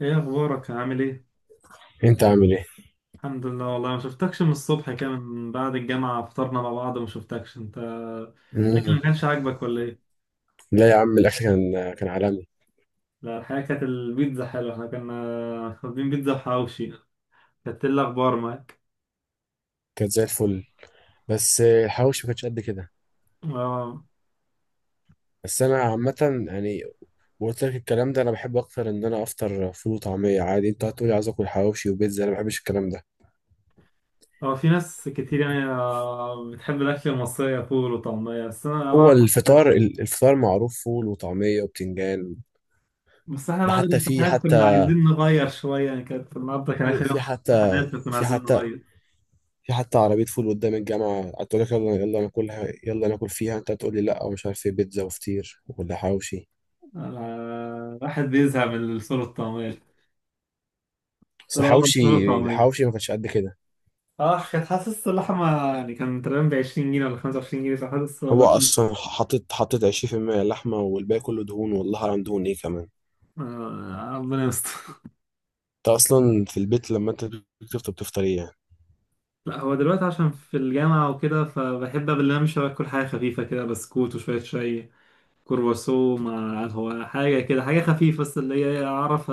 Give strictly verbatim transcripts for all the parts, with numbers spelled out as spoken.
ايه اخبارك، عامل ايه؟ انت عامل ايه؟ الحمد لله، والله ما شفتكش من الصبح كده، من بعد الجامعة فطرنا مع بعض. ما شفتكش، انت الاكل مم. ما كانش عاجبك ولا ايه؟ لا يا عم، الاكل كان كان عالمي. لا الحقيقة كانت البيتزا حلوة، احنا كنا واخدين بيتزا وحواوشي. كانت إيه الاخبار معاك؟ كانت زي الفل. بس الحواوشي ما كانتش قد كده. اه، بس انا عامه يعني. وقلت لك الكلام ده، انا بحب اكتر ان انا افطر فول وطعميه عادي. انت هتقولي عايز اكل حواوشي وبيتزا، انا ما بحبش الكلام ده. هو في ناس كتير يعني آه، بتحب الاكل المصري فول وطعمية، بس انا بقى. هو الفطار ال- الفطار معروف، فول وطعميه وبتنجان. بس احنا ده بعد حتى في الامتحانات كنا حتى عايزين نغير شوية، يعني كانت النهاردة كان في آخر في يوم حتى امتحانات، فكنا في عايزين حتى نغير. في حتى عربيه فول قدام الجامعه، هتقول لك يلا يلا ناكلها يلا ناكل فيها. انت هتقول لي لا ومش عارف ايه، بيتزا وفطير ولا حواوشي. آه، الواحد بيزهق من الفول والطعمية. بس اه، الحواوشي الفول والطعمية. الحواوشي ما كانش قد كده. اه، كانت حاسس اللحمة، يعني كان تقريبا ب عشرين جنيه ولا خمسة وعشرين جنيه، فحاسس هو اللحمة. اصلا حطيت حطيت عشرين في المية لحمه، والباقي كله دهون، والله اعلم دهون ايه كمان. آه، ربنا يستر. انت اصلا في البيت، لما انت بتفطر بتفطر ايه يعني؟ لا هو دلوقتي عشان في الجامعة وكده فبحب قبل ما امشي باكل حاجة خفيفة كده، بسكوت وشوية شاي، كرواسو مع هو حاجة كده، حاجة خفيفة، بس اللي هي أعرف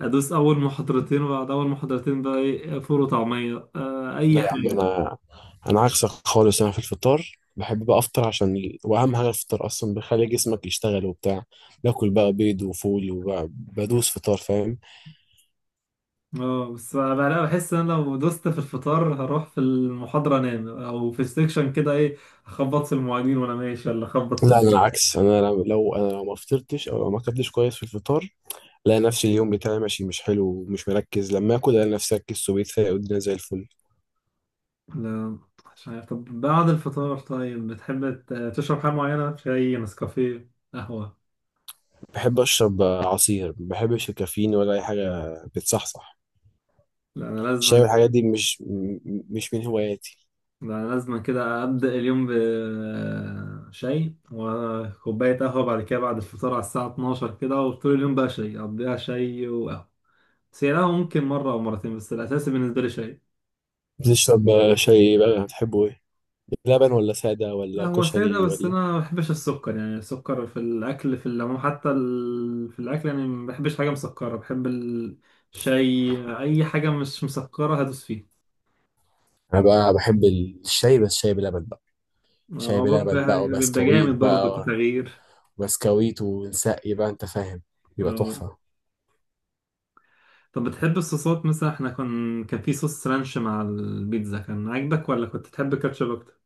أدوس أول محاضرتين، وبعد أول محاضرتين بقى إيه، فول وطعمية، آه لا أي يا عم، حاجة. انا انا عكسك خالص. انا في الفطار بحب بقى افطر، عشان ال- واهم حاجه الفطار اصلا بيخلي جسمك يشتغل وبتاع. باكل بقى بيض وفول وبدوس فطار، فاهم؟ اه، بس بقى بحس ان انا لو دوست في الفطار هروح في المحاضرة انام، او في السكشن كده ايه، اخبط في المعيدين وانا ماشي، ولا اخبط في لا، انا الدكتور. العكس، انا لو لو- انا لو ما فطرتش او لو ما اكلتش كويس في الفطار، الاقي نفسي اليوم بتاعي ماشي مش حلو ومش مركز. لما اكل الاقي نفسي ركزت وبقيت فايق والدنيا زي الفل. لا مش عارف. طب بعد الفطار طيب بتحب ت- تشرب حاجة معينة، شاي، نسكافيه، قهوة؟ بحب اشرب عصير، ما بحبش الكافيين ولا اي حاجه. بتصحصح. لا انا لازم. الشاي والحاجات دي مش م- مش من هواياتي. لا انا لازم كده ابدأ اليوم بشاي وكوباية قهوة بعد كده، بعد الفطار على الساعة اثنا عشر كده، وطول اليوم بقى شاي، اقضيها شاي وقهوة. بس هي قهوة ممكن مرة او مرتين، بس الاساسي بالنسبة لي شاي. بتشرب شاي إيه بقى؟ بتحبه ايه، لبن ولا ساده لا ولا هو سادة، كشري بس أنا ولا؟ ما بحبش السكر، يعني السكر في الأكل في العموم، حتى ال... في الأكل يعني ما بحبش حاجة مسكرة، بحب الشاي أي حاجة مش مسكرة هدوس فيها. انا بقى بحب الشاي، بس شاي بلبن بقى. شاي آه، بلبن بيبقى بقى بيبقى وبسكويت جامد برضه بقى. كتغيير. بسكويت ونسقي بقى، انت فاهم؟ بيبقى آه. تحفه. طب بتحب الصوصات؟ مثلا احنا كان كان في صوص رانش مع البيتزا، كان عاجبك ولا كنت تحب كاتشب أكتر؟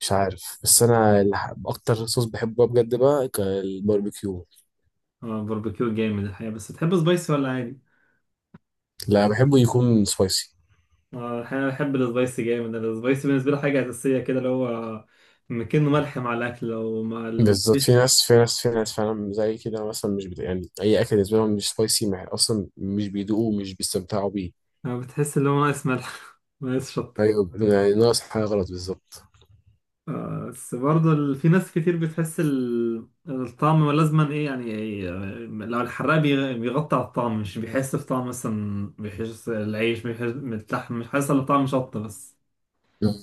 مش عارف. بس انا اللي ح- اكتر صوص بحبه بجد بقى ك- الباربيكيو. اه، باربيكيو جامد الحقيقة. بس تحب سبايسي ولا عادي؟ لا، بحبه يكون سبايسي. آه، احيانا بحب السبايسي جامد، انا السبايسي بالنسبه لي حاجه اساسيه كده، اللي هو مكنه ملح مع الاكل لو مع بالظبط، في الفيش. ناس في ناس في ناس فعلا زي كده. مثلا مش بت... يعني اي اكل بالنسبه لهم مش سبايسي. مع... اصلا مش بيدوقوه ومش بيستمتعوا بيه. آه، بتحس اللي هو ناقص ملح، ناقص شطه. ايوه يعني ناقص حاجه غلط بالظبط. آه، بس برضه ال- في ناس كتير بتحس ال- الطعم لازما ايه، يعني إيه، آه، لو الحراق بيغ- بيغطي على الطعم، مش بيحس بطعم، مثلا بيحس العيش بيحس اللحم، مش حاسس الا بطعم شطه بس. مم.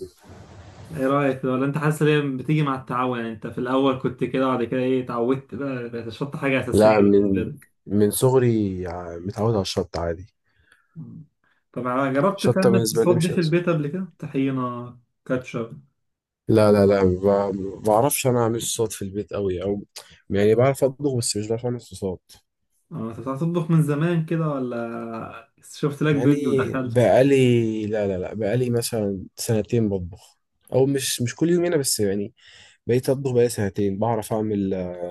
ايه رايك؟ ولا انت حاسس ان هي بتيجي مع التعود؟ يعني انت في الاول كنت كده، بعد كده ايه، اتعودت، بقى بقت الشطه حاجه لا، اساسيه بالنسبه من لك. من صغري ع- متعود على الشطه عادي. مم. طب ع- جربت الشطه تعمل بالنسبه لي صوصات دي مش في أزل. البيت قبل كده؟ طحينة، كاتشب. لا، لا، لا، ما ما بعرفش انا اعمل صوصات في البيت قوي او... يعني بعرف اطبخ بس مش بعرف اعمل صوصات. اه، انت بتعرف تطبخ من زمان كده، ولا شفت لك يعني فيديو ودخلت؟ بقالي، لا، لا، لا، بقالي مثلا سنتين بطبخ. او مش مش كل يوم هنا بس يعني. بقيت أطبخ بقى سنتين، بعرف أعمل آه،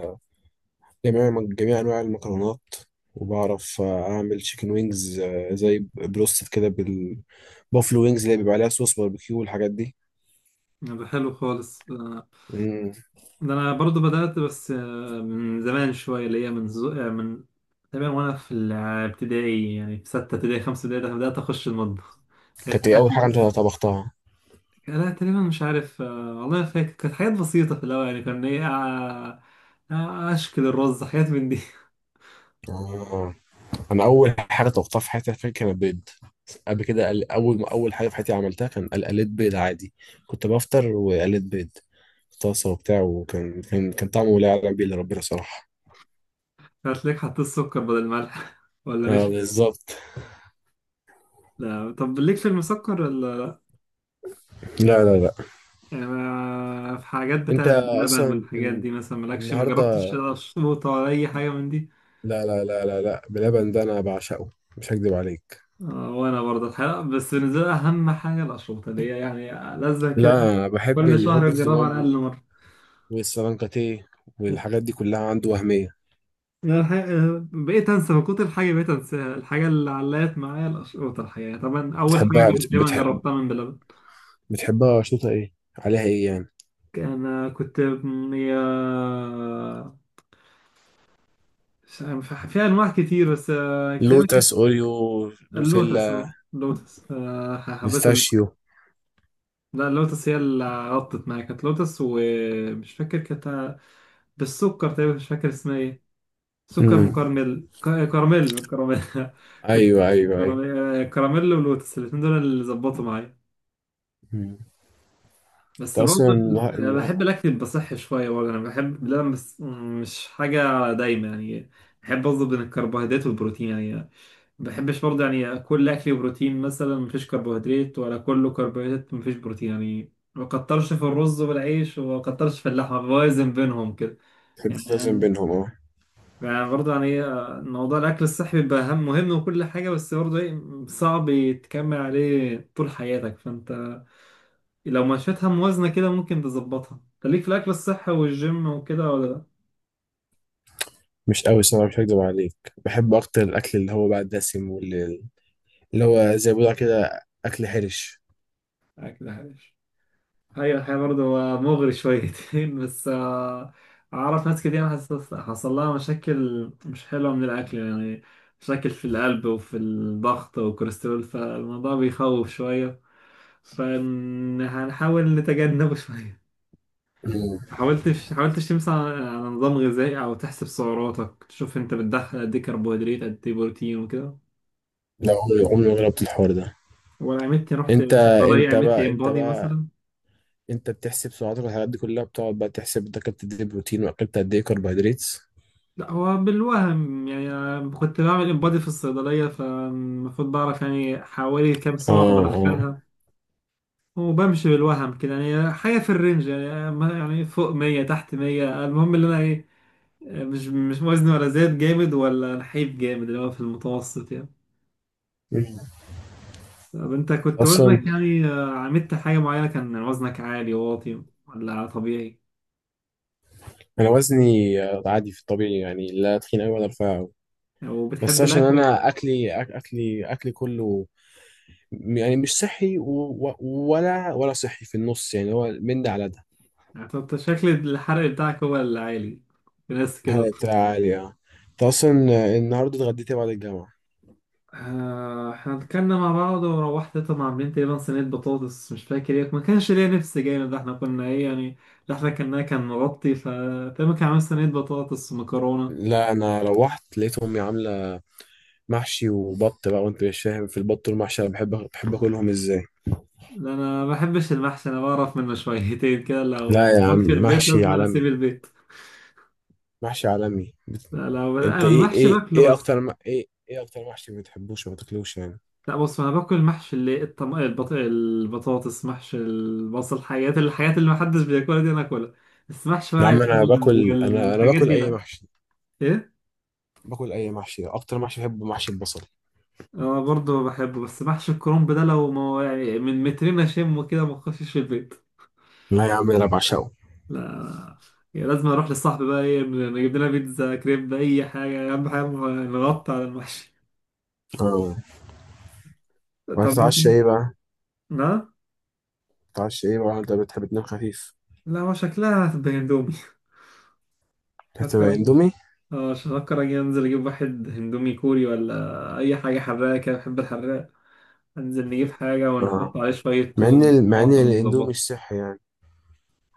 جميع جميع أنواع المكرونات. وبعرف آه، أعمل تشيكن وينجز آه، زي بروستد كده بالبوفلو، وينجز اللي بيبقى عليها صوص باربيكيو والحاجات دي. ده حلو خالص، آه. مم. ده انا برضو بدأت، بس آه، من زمان شوية اللي هي من زو... آه، من تقريبا وانا في الابتدائي، يعني في ستة ابتدائي خمسة ابتدائي، ده بدأت اخش المطبخ. كانت كانت إيه أول حاجة أكل- أنت طبختها؟ لا تقريبا مش عارف، آه، والله ما فاكر. كانت حاجات بسيطة في الأول، يعني كان إيه آه، آه، أشكل الرز، حاجات من دي. آه. أنا أول حاجة طبختها في حياتي فاكر كانت بيض. قبل كده قل- أول ما أول حاجة في حياتي عملتها كان قل- قليت بيض عادي. كنت بفطر وقليت بيض في طاسة وبتاع، وكان كان كان طعمه لا يعلم بيه إلا ربنا صراحة. هتلاقيك حطيت سكر بدل ملح، ولا اه، نشا. بالظبط. لا، طب ليك في المسكر ولا؟ لا، لا، لا، يعني ما- في حاجات انت بتاعت بلبن اصلا والحاجات ان... دي، مثلا مالكش؟ ما جربتش النهارده... اشربوطة ولا اي حاجة من دي؟ لا، لا، لا، لا، لا، بلبن ده انا بعشقه، مش هكدب عليك. آه، وانا برضه الحقيقة، بس بالنسبة لي اهم حاجة الاشربوطة، اللي هي يعني لازم كده، لا، أنا بحب كل شهر الهوبا تيتو اجربها على مامبو الاقل مرة. والسلانكاتيه والحاجات دي كلها عنده وهميه. يعني الحقيقة، آه، بقيت انسى من كتر الحاجة، بقيت انساها. الحاجة اللي علقت معايا الاشربوطة، الحقيقة طبعا اول حاجة بتحبها بت... جربت- تقريبا بتحب... جربتها من بلبن. بتحبها شطه ايه عليها ايه يعني؟ انا كنت، هي مش- ف- في انواع كتير، بس آه، تقريبا لوتس، كانت اوريو، دوسيلا، اللوتس. اللوتس، آه، حبيت ال... بيستاشيو. لا اللوتس هي اللي غطت معايا، كانت لوتس، ومش فاكر كانت بالسكر تقريبا، مش فاكر اسمها ايه، سكر. مم. امم مكرمل، ك- كراميل، كراميل. كنت ايوه، ايوه، ايوه. كراميل، آه، كراميل ولوتس الاتنين دول اللي ظبطوا معايا. مم. انت بس اصلا برضه النها- ال- النها- بحب الاكل يبقى صحي شويه، برضه انا بحب، لا بس مش حاجه دايما يعني. بحب اظبط بين الكربوهيدرات والبروتين، يعني ما بحبش برضه يعني كل اكلي بروتين مثلا، مفيش كربوهيدرات ولا كله كربوهيدرات مفيش بروتين، يعني ما كترش في الرز والعيش وما كترش في اللحمه، بوازن بينهم كده. بتحب تتوازن يعني بينهم، اه. يعني برضه يعني آه، موضوع الاكل الصحي بيبقى اهم مهم، وكل حاجه، بس برضه ايه صعب يتكمل عليه طول حياتك، فانت لو مشيتها موازنة كده ممكن تظبطها. خليك في الأكل الصحي والجيم وكده ولا لأ؟ مش قوي صراحه، مش هكدب عليك. بحب اكتر الاكل اللي هو بقى الدسم، واللي اللي هو زي ما بيقولوا كده اكل حرش. آه، كده حاجة. هي الحقيقة برضه هو مغري شويتين، بس آه، أعرف ناس كتير حصل حصل لها مشاكل مش حلوة من الأكل يعني، مشاكل في القلب وفي الضغط والكوليسترول، فالموضوع بيخوف شوية، فهنحاول نتجنبه شوية. مم. حاولتش حاولتش تمشي على على نظام غذائي أو تحسب سعراتك، تشوف أنت بتدخل قد إيه كربوهيدرات قد إيه بروتين وكده؟ لا، عمري عمري ما جربت الحوار ده. ولا عملت، رحت انت صيدلية انت عملت بقى انت امبادي بقى مثلا؟ انت بتحسب سعراتك والحاجات دي كلها، بتقعد بقى تحسب انت اكلت قد ايه بروتين واكلت قد ايه كربوهيدرات. لا هو بالوهم يعني، أنا كنت بعمل امبادي في الصيدلية فالمفروض بعرف يعني حوالي كام اه، سعر اه. بدخلها، وبمشي بالوهم كده، يعني حاجة في الرينج، يعني ما- يعني فوق مية تحت مية، المهم اللي أنا إيه، مش مش وزني ولا زاد جامد ولا نحيف جامد، اللي هو في المتوسط يعني. مم. طب أنت كنت اصلا وزنك يعني، آه، عملت حاجة معينة؟ كان وزنك عالي واطي ولا طبيعي؟ انا وزني آه، عادي في الطبيعي يعني، لا تخين قوي ولا رفيع قوي. بس وبتحب عشان الأكل. انا اكلي أك- اكلي اكلي كله م- يعني مش صحي و- و- ولا ولا صحي في النص يعني، هو من ده على ده. انت شكل الحرق بتاعك هو اللي عالي، في ناس كده. حالة عالية. انت اصلا آه، النهارده اتغديت إيه بعد الجامعة؟ آه، احنا اتكلمنا مع بعض وروحت، طبعا عاملين تقريبا صينية بطاطس، مش فاكر ايه، ما كانش ليا نفس جامد، ده احنا كنا ايه يعني، اللي احنا كنا كان مغطي، ف تقريبا كان عامل صينية بطاطس ومكرونة. لا، انا روحت لقيت امي عامله محشي وبط بقى، وانت مش فاهم في البط والمحشي، انا بحب بحب اكلهم ازاي. لا، انا ما بحبش المحشي، انا بعرف منه شويتين كده، لو لا يا عم، موجود في البيت محشي لازم انا اسيب عالمي، البيت. محشي عالمي، بت- لا لو انا انت ايه المحشي ايه باكله ايه بس. اكتر م... ايه ايه اكتر محشي ما بتحبوش وما تاكلوش يعني؟ لا بص، انا باكل محشي اللي الطم... البط... البطاطس، محشي البصل، الحاجات الحاجات اللي محدش بياكلها دي انا اكلها. بس محشي ورق يا عم انا العنب باكل انا انا والحاجات باكل دي اي لا. محشي. ايه؟ باكل اي محشي، اكتر محشي بحبه محشي البصل. انا برضه بحبه، بس محشي الكرنب ده لو ما يعني من مترين اشمه كده ما اخشش في البيت. لا يا عم انا بعشقه. لا. يعني لازم اروح للصاحب بقى ايه، نجيب لنا بيتزا كريب اي حاجه، اهم حاجه نغطي على المحشي. اه. طب انت؟ وهتتعشى ايه بقى؟ لا. بتتعشى ايه بقى؟ انت بتحب تنام خفيف؟ لا، هو شكلها هتبقى اندومي. هتبقى اندومي. اه، مش هفكر، اجي انزل اجيب واحد هندومي كوري ولا اي حاجه حراقه كده، بحب الحراق. انزل نجيب حاجه اه، ونحط عليه شويه مع ان توم ال- مع ان وطماطم الاندومي ونظبطه. مش صحي يعني.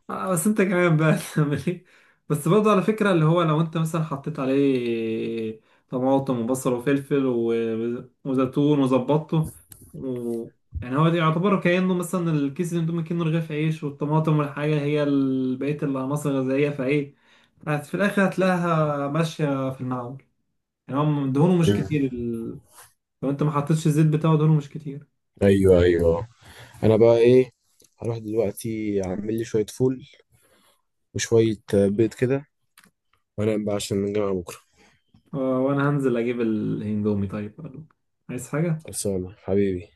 آه بس انت كمان بقى، تعمل ايه؟ بس برضه على فكره، اللي هو لو انت مثلا حطيت عليه طماطم وبصل وفلفل و- وزيتون وظبطته و... يعني هو ده يعتبر كأنه مثلا الكيس الاندومي كأنه رغيف عيش، والطماطم والحاجة هي ال- بقية العناصر الغذائية، فايه هت- في الآخر هتلاقيها ماشية في المعقول. يعني هم دهونه مش مم. كتير ال... لو انت ما حطيتش الزيت بتاعه دهونه مش كتير. ايوه، ايوه. انا بقى ايه، هروح دلوقتي اعمل لي شويه فول وشويه آه، بيض كده، وانام بقى عشان نرجع بكره. آه، وانا هنزل اجيب الاندومي، طيب قالوا عايز حاجة؟ خلصانه حبيبي.